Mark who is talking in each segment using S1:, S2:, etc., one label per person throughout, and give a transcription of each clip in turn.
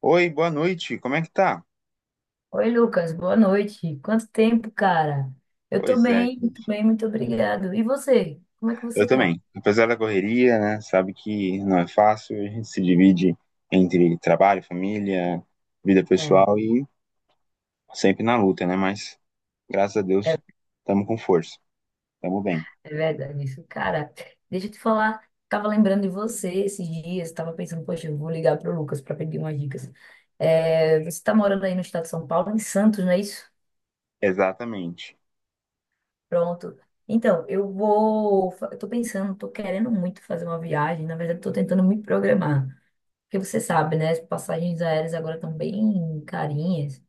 S1: Oi, boa noite, como é que tá?
S2: Oi, Lucas, boa noite. Quanto tempo, cara? Eu
S1: Pois é,
S2: tô
S1: gente.
S2: bem, muito obrigado. E você? Como é que
S1: Eu
S2: você tá?
S1: também. Apesar da correria, né, sabe que não é fácil, a gente se divide entre trabalho, família, vida
S2: É,
S1: pessoal e sempre na luta, né? Mas graças a
S2: é,
S1: Deus estamos com força, estamos bem.
S2: é, verdade isso. Cara, deixa eu te falar, tava lembrando de você esses dias, tava pensando, poxa, eu vou ligar pro Lucas pra pedir umas dicas. É, você tá morando aí no estado de São Paulo, em Santos, não é isso?
S1: Exatamente.
S2: Pronto. Então, eu tô pensando, tô querendo muito fazer uma viagem, na verdade, tô tentando me programar. Porque você sabe, né? As passagens aéreas agora estão bem carinhas.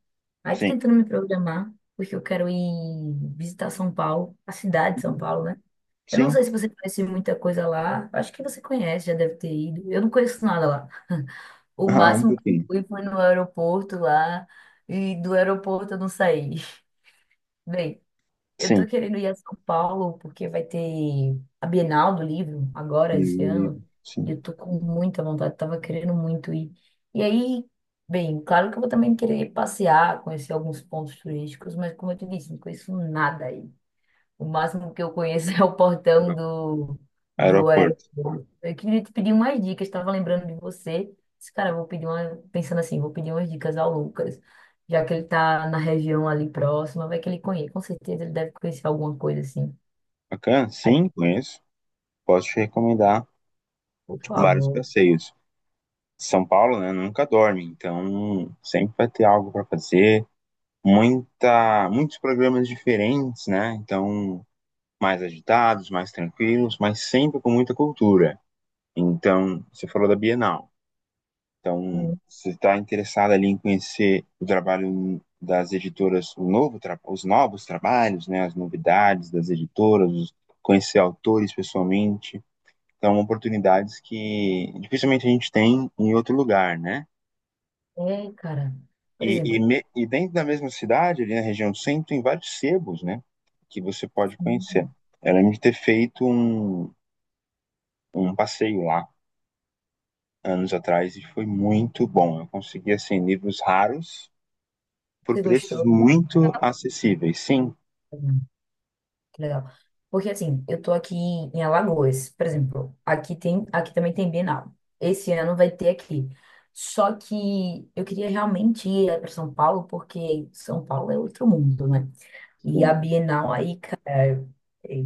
S2: Aí tô
S1: Sim.
S2: tentando me programar, porque eu quero ir visitar São Paulo, a cidade de São
S1: Uhum.
S2: Paulo, né? Eu não
S1: Sim.
S2: sei se você conhece muita coisa lá. Acho que você conhece, já deve ter ido. Eu não conheço nada lá. O
S1: Ah, um
S2: máximo que eu
S1: pouquinho.
S2: fui foi no aeroporto lá, e do aeroporto eu não saí. Bem, eu
S1: Sim.
S2: tô querendo ir a São Paulo porque vai ter a Bienal do Livro agora, esse
S1: E-
S2: ano. E
S1: Sim.
S2: eu tô com muita vontade, tava querendo muito ir. E aí, bem, claro que eu vou também querer passear, conhecer alguns pontos turísticos, mas como eu te disse, não conheço nada aí. O máximo que eu conheço é o portão do
S1: Aeroporto.
S2: aeroporto. Eu queria te pedir umas dicas, estava lembrando de você. Esse cara, eu vou pedir uma, pensando assim, vou pedir umas dicas ao Lucas, já que ele tá na região ali próxima, vai que ele conhece. Com certeza ele deve conhecer alguma coisa assim.
S1: Bacana?
S2: Aí,
S1: Sim, conheço. Posso te recomendar
S2: por
S1: vários
S2: favor.
S1: passeios. São Paulo, né, nunca dorme, então sempre vai ter algo para fazer, muitos programas diferentes, né? Então, mais agitados, mais tranquilos, mas sempre com muita cultura. Então, você falou da Bienal. Então,
S2: Hum,
S1: se está interessado ali em conhecer o trabalho das editoras, os novos trabalhos, né, as novidades das editoras, conhecer autores pessoalmente, então oportunidades que dificilmente a gente tem em outro lugar, né?
S2: É, cara. Por
S1: E, e,
S2: exemplo,
S1: me- e dentro da mesma cidade, ali na região do centro, tem vários sebos, né? Que você pode conhecer. Eu lembro de ter feito um passeio lá anos atrás e foi muito bom. Eu consegui, assim, livros raros por
S2: você
S1: preços
S2: gostou?
S1: muito acessíveis. Sim,
S2: Que legal. Porque assim, eu tô aqui em Alagoas, por exemplo, aqui tem, aqui também tem Bienal. Esse ano vai ter aqui. Só que eu queria realmente ir para São Paulo, porque São Paulo é outro mundo, né? E a
S1: sim,
S2: Bienal aí, cara, é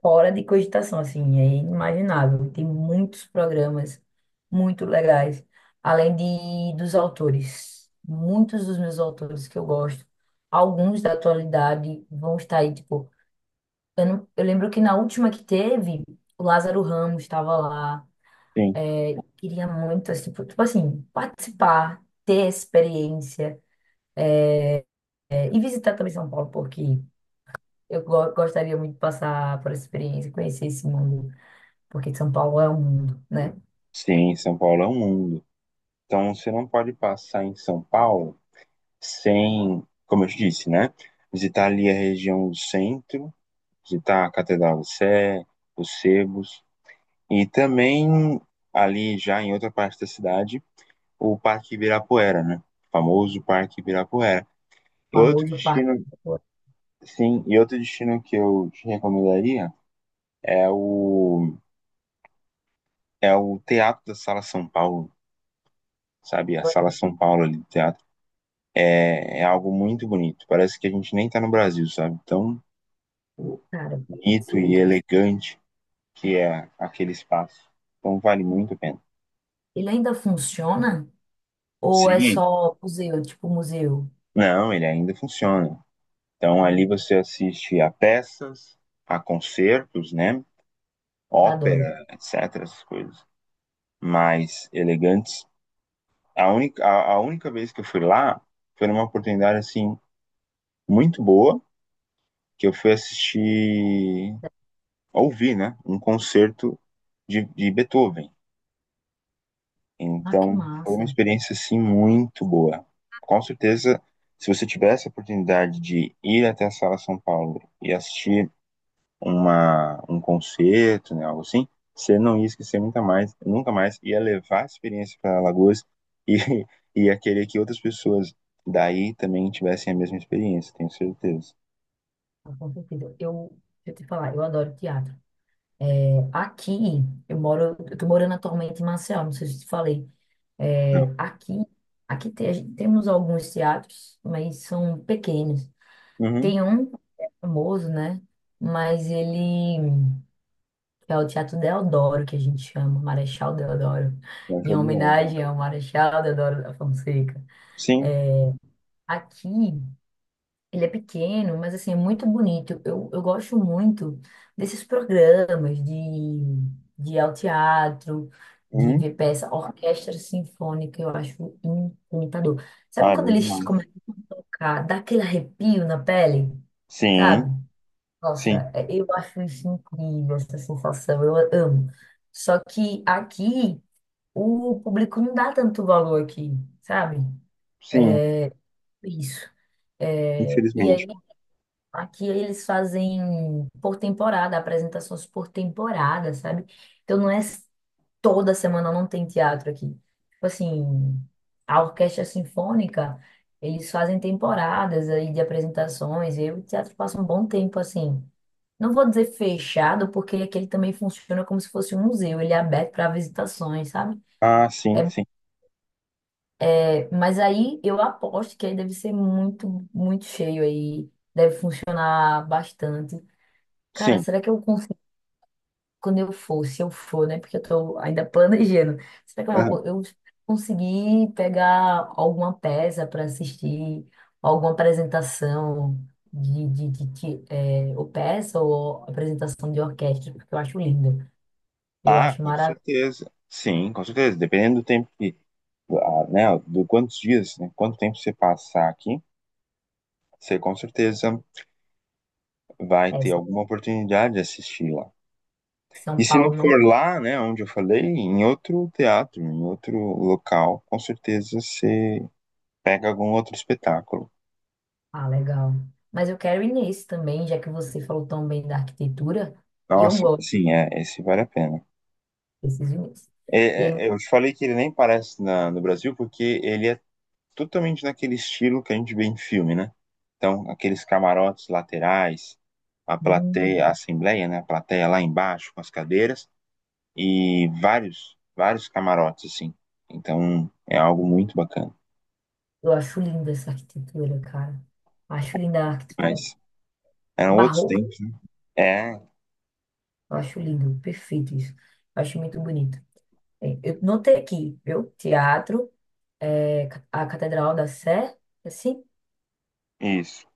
S2: fora de cogitação, assim, é inimaginável. Tem muitos programas muito legais, além de dos autores. Muitos dos meus autores que eu gosto, alguns da atualidade vão estar aí, tipo eu, não- eu lembro que na última que teve, o Lázaro Ramos estava lá.
S1: sim.
S2: Queria muito, assim, tipo assim, participar, ter experiência, é, e visitar também São Paulo, porque gostaria muito de passar por essa experiência, conhecer esse mundo, porque São Paulo é um mundo, né? O
S1: Sim, São Paulo é um mundo. Então, você não pode passar em São Paulo sem, como eu te disse, né? Visitar ali a região do centro, visitar a Catedral do Sé, os sebos. E também, ali já em outra parte da cidade, o Parque Ibirapuera, né? O famoso Parque Ibirapuera. E outro
S2: famoso parque
S1: destino,
S2: da
S1: sim, e outro destino que eu te recomendaria é o, é o Teatro da Sala São Paulo, sabe? A Sala
S2: Ibirapuera.
S1: São Paulo ali do teatro. É algo muito bonito. Parece que a gente nem tá no Brasil, sabe? Tão
S2: Cara, eu gosto
S1: bonito e
S2: muito disso.
S1: elegante que é aquele espaço. Então vale muito a pena.
S2: Ele ainda funciona? Ou é
S1: Sim.
S2: só museu, tipo museu?
S1: Não, ele ainda funciona. Então ali você assiste a peças, a concertos, né?
S2: Ah, adoro.
S1: Ópera, etc, essas coisas mais elegantes. A única vez que eu fui lá foi numa oportunidade assim muito boa, que eu fui assistir, ouvir, né, um concerto de Beethoven.
S2: Ah, que
S1: Então foi uma
S2: massa.
S1: experiência assim muito boa. Com certeza, se você tiver essa oportunidade de ir até a Sala São Paulo e assistir um concerto, né, algo assim, você não ia esquecer nunca mais, nunca mais, ia levar a experiência para Alagoas e ia querer que outras pessoas daí também tivessem a mesma experiência, tenho certeza.
S2: Tá, com certeza. Deixa eu te falar, eu adoro teatro. Aqui, eu tô morando atualmente em Maceió, não sei se te falei. É,
S1: Não.
S2: aqui, temos alguns teatros, mas são pequenos.
S1: Uhum.
S2: Tem um que é famoso, né? Mas ele é o Teatro Deodoro, que a gente chama, Marechal Deodoro,
S1: Eu
S2: em
S1: acho bom.
S2: homenagem ao Marechal Deodoro da Fonseca.
S1: Sim.
S2: Aqui ele é pequeno, mas assim, é muito bonito. Eu gosto muito desses programas de ao teatro, de
S1: Uhum.
S2: ver peça, orquestra sinfônica, eu acho encantador.
S1: Ah,
S2: Sabe
S1: é
S2: quando
S1: bom
S2: eles
S1: demais.
S2: começam a tocar, dá aquele arrepio na pele,
S1: Sim,
S2: sabe?
S1: sim,
S2: Nossa, eu acho isso incrível, essa sensação, eu amo. Só que aqui, o público não dá tanto valor aqui, sabe?
S1: sim,
S2: Isso. É, e
S1: infelizmente.
S2: aí aqui eles fazem por temporada, apresentações por temporada, sabe? Então não é s- Toda semana não tem teatro aqui. Tipo assim, a orquestra sinfônica, eles fazem temporadas aí de apresentações. E o teatro passa um bom tempo assim. Não vou dizer fechado, porque aqui ele também funciona como se fosse um museu, ele é aberto para visitações, sabe?
S1: Ah, sim,
S2: É,
S1: sim,
S2: mas aí eu aposto que aí deve ser muito, muito cheio aí, deve funcionar bastante. Cara,
S1: sim.
S2: será que eu quando eu for, se eu for, né? Porque eu tô ainda planejando. Será que eu vou,
S1: Aham.
S2: eu conseguir pegar alguma peça para assistir, alguma apresentação ou peça ou apresentação de orquestra, porque eu acho lindo. Eu
S1: Ah,
S2: acho
S1: com
S2: maravilhoso.
S1: certeza. Sim, com certeza. Dependendo do tempo que, ah, né, do quantos dias, né, quanto tempo você passar aqui, você com certeza vai
S2: É,
S1: ter
S2: São
S1: alguma oportunidade de assistir lá.
S2: São
S1: E se não
S2: Paulo não.
S1: for
S2: Tá,
S1: lá, né, onde eu falei, em outro teatro, em outro local, com certeza você pega algum outro espetáculo.
S2: ah, legal. Mas eu quero ir nesse também, já que você falou tão bem da arquitetura, e eu
S1: Nossa,
S2: gosto,
S1: sim, esse vale a pena.
S2: desses ir nesse. E aí,
S1: É, eu te falei que ele nem parece no Brasil porque ele é totalmente naquele estilo que a gente vê em filme, né? Então, aqueles camarotes laterais, a
S2: hum,
S1: plateia, a assembleia, né? A plateia lá embaixo com as cadeiras. E vários, vários camarotes, assim. Então é algo muito bacana.
S2: eu acho linda essa arquitetura, cara. Acho linda a arquitetura.
S1: Mas eram outros
S2: Barroca,
S1: tempos, né? É,
S2: eu acho lindo, perfeito isso. Eu acho muito bonito. É, eu notei aqui, viu? Teatro, a Catedral da Sé, assim,
S1: isso.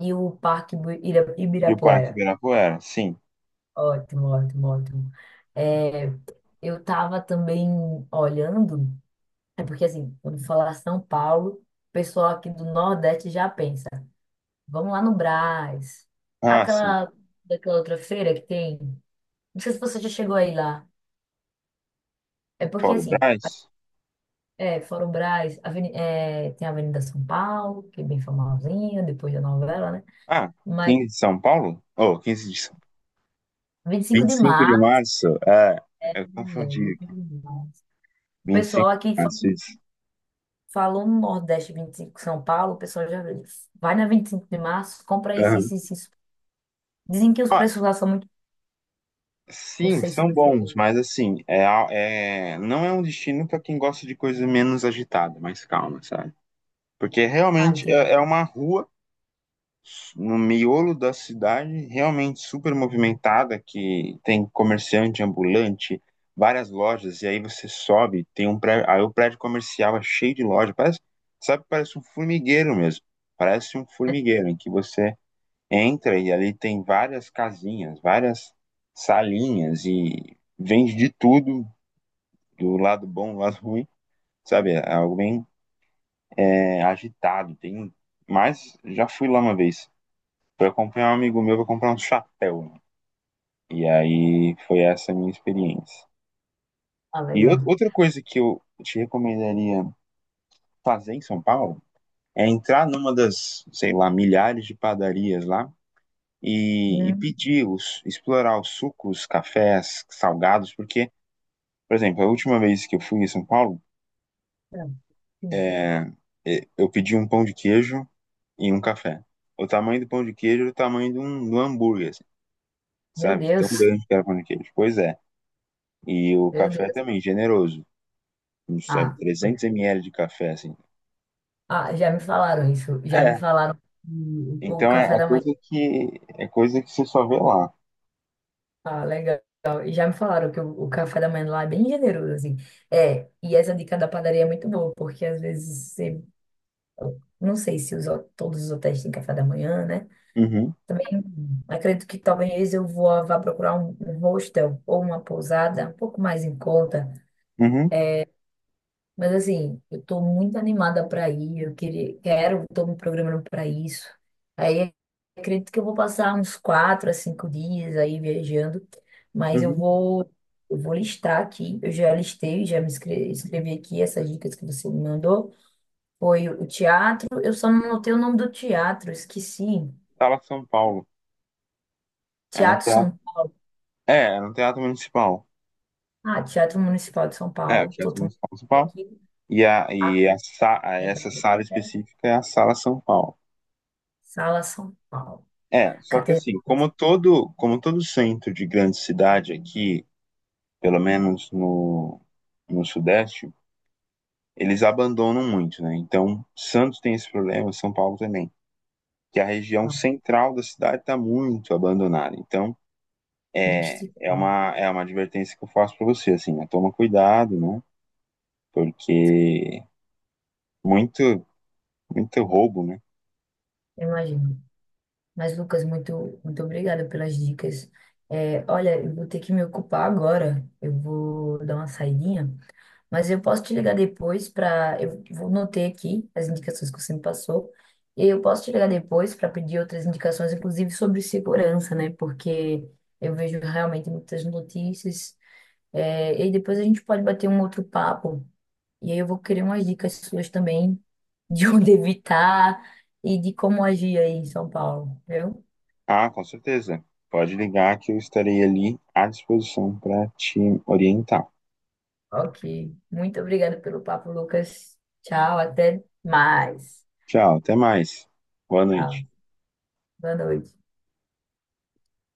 S2: e o
S1: E o Parque
S2: Ibirapuera.
S1: Ibirapuera, sim.
S2: Ótimo, ótimo, ótimo. É, eu tava também olhando, é porque assim, quando falar São Paulo, o pessoal aqui do Nordeste já pensa, vamos lá no Brás,
S1: Ah, sim.
S2: aquela, daquela outra feira que tem. Não sei se você já chegou aí lá. É porque
S1: Fora o
S2: assim.
S1: Brás.
S2: É, fora o Brás, tem a Avenida São Paulo, que é bem famosinha, depois da novela, né?
S1: Ah,
S2: Mas
S1: quinze de São Paulo? Oh, 15 de...
S2: 25
S1: vinte e
S2: de
S1: cinco de
S2: março,
S1: março. É,
S2: é,
S1: eu confundi.
S2: 25 de março. O
S1: vinte e
S2: pessoal
S1: cinco
S2: aqui
S1: de
S2: fa-
S1: março, isso.
S2: Falou no Nordeste 25 de São Paulo, o pessoal já vai na 25 de março, compra isso,
S1: Aham.
S2: isso, isso. Dizem que os
S1: Ah,
S2: preços lá são muito. Não
S1: sim,
S2: sei se
S1: são
S2: você.
S1: bons, mas assim, não é um destino para quem gosta de coisa menos agitada, mais calma, sabe? Porque
S2: Ah,
S1: realmente
S2: entendi.
S1: é uma rua no miolo da cidade, realmente super movimentada, que tem comerciante ambulante, várias lojas, e aí você sobe, tem um prédio, aí o prédio comercial é cheio de loja, parece, sabe, parece um formigueiro mesmo, parece um formigueiro em que você entra e ali tem várias casinhas, várias salinhas e vende de tudo, do lado bom, do lado ruim, sabe, é algo bem agitado, tem mas já fui lá uma vez. Fui acompanhar um amigo meu pra comprar um chapéu, né? E aí foi essa a minha experiência.
S2: Ah,
S1: E
S2: legal.
S1: outra coisa que eu te recomendaria fazer em São Paulo é entrar numa das, sei lá, milhares de padarias lá e
S2: Hum,
S1: pedir explorar os sucos, cafés, salgados, porque, por exemplo, a última vez que eu fui em São Paulo,
S2: tá. Sim.
S1: é, eu pedi um pão de queijo e um café. O tamanho do pão de queijo era o tamanho de um hambúrguer, assim,
S2: Meu
S1: sabe? De tão
S2: Deus,
S1: grande que era o pão de queijo. Pois é. E o
S2: meu
S1: café
S2: Deus.
S1: também, generoso. Uns
S2: Ah, foi.
S1: 300 ml de café, assim.
S2: Ah, já me falaram isso. Já me
S1: É,
S2: falaram que o
S1: então é,
S2: café
S1: é
S2: da manhã.
S1: coisa que é coisa que você só vê lá.
S2: Ah, legal. E já me falaram o café da manhã lá é bem generoso, assim. É, e essa dica da padaria é muito boa, porque às vezes você, não sei se os, todos os hotéis têm café da manhã, né?
S1: Uhum,
S2: Também acredito que talvez vá procurar um, um hostel ou uma pousada um pouco mais em conta,
S1: uhum,
S2: mas assim, eu tô muito animada para ir, quero, tô me programando para isso. Aí acredito que eu vou passar uns 4 a 5 dias aí viajando, mas eu
S1: uhum.
S2: vou, eu vou listar aqui, eu já listei, escrevi aqui essas dicas que você me mandou. Foi o teatro, eu só não notei o nome do teatro, esqueci.
S1: Sala São Paulo. É no
S2: Teatro
S1: teatro,
S2: São Paulo.
S1: é no teatro municipal.
S2: Ah, Teatro Municipal de São
S1: É, o
S2: Paulo, tô
S1: Teatro
S2: tomando
S1: Municipal de São Paulo.
S2: aqui.
S1: E, a,
S2: A
S1: e a, sa- a- essa
S2: Catedral,
S1: sala
S2: né?
S1: específica é a Sala São Paulo.
S2: Sala São Paulo.
S1: É, só que
S2: Catedral,
S1: assim, como
S2: São
S1: todo, como todo centro de grande cidade aqui, pelo menos no Sudeste, eles abandonam muito, né? Então, Santos tem esse problema, São Paulo também, que a região
S2: Paulo.
S1: central da cidade está muito abandonada. Então, é,
S2: Triste,
S1: é, uma, é uma advertência que eu faço para você, assim, né? Toma cuidado, né? Porque muito, muito roubo, né?
S2: eu imagino. Mas, Lucas, muito, muito obrigada pelas dicas. É, olha, eu vou ter que me ocupar agora. Eu vou dar uma saidinha, mas eu posso te ligar depois para. Eu vou notei aqui as indicações que você me passou. E eu posso te ligar depois para pedir outras indicações, inclusive sobre segurança, né? Porque eu vejo realmente muitas notícias. É, e depois a gente pode bater um outro papo e aí eu vou querer umas dicas suas também de onde evitar e de como agir aí em São Paulo, viu?
S1: Ah, com certeza. Pode ligar que eu estarei ali à disposição para te orientar.
S2: Ok. Muito obrigada pelo papo, Lucas. Tchau, até mais.
S1: Tchau, até mais. Boa
S2: Tchau.
S1: noite.
S2: Boa noite.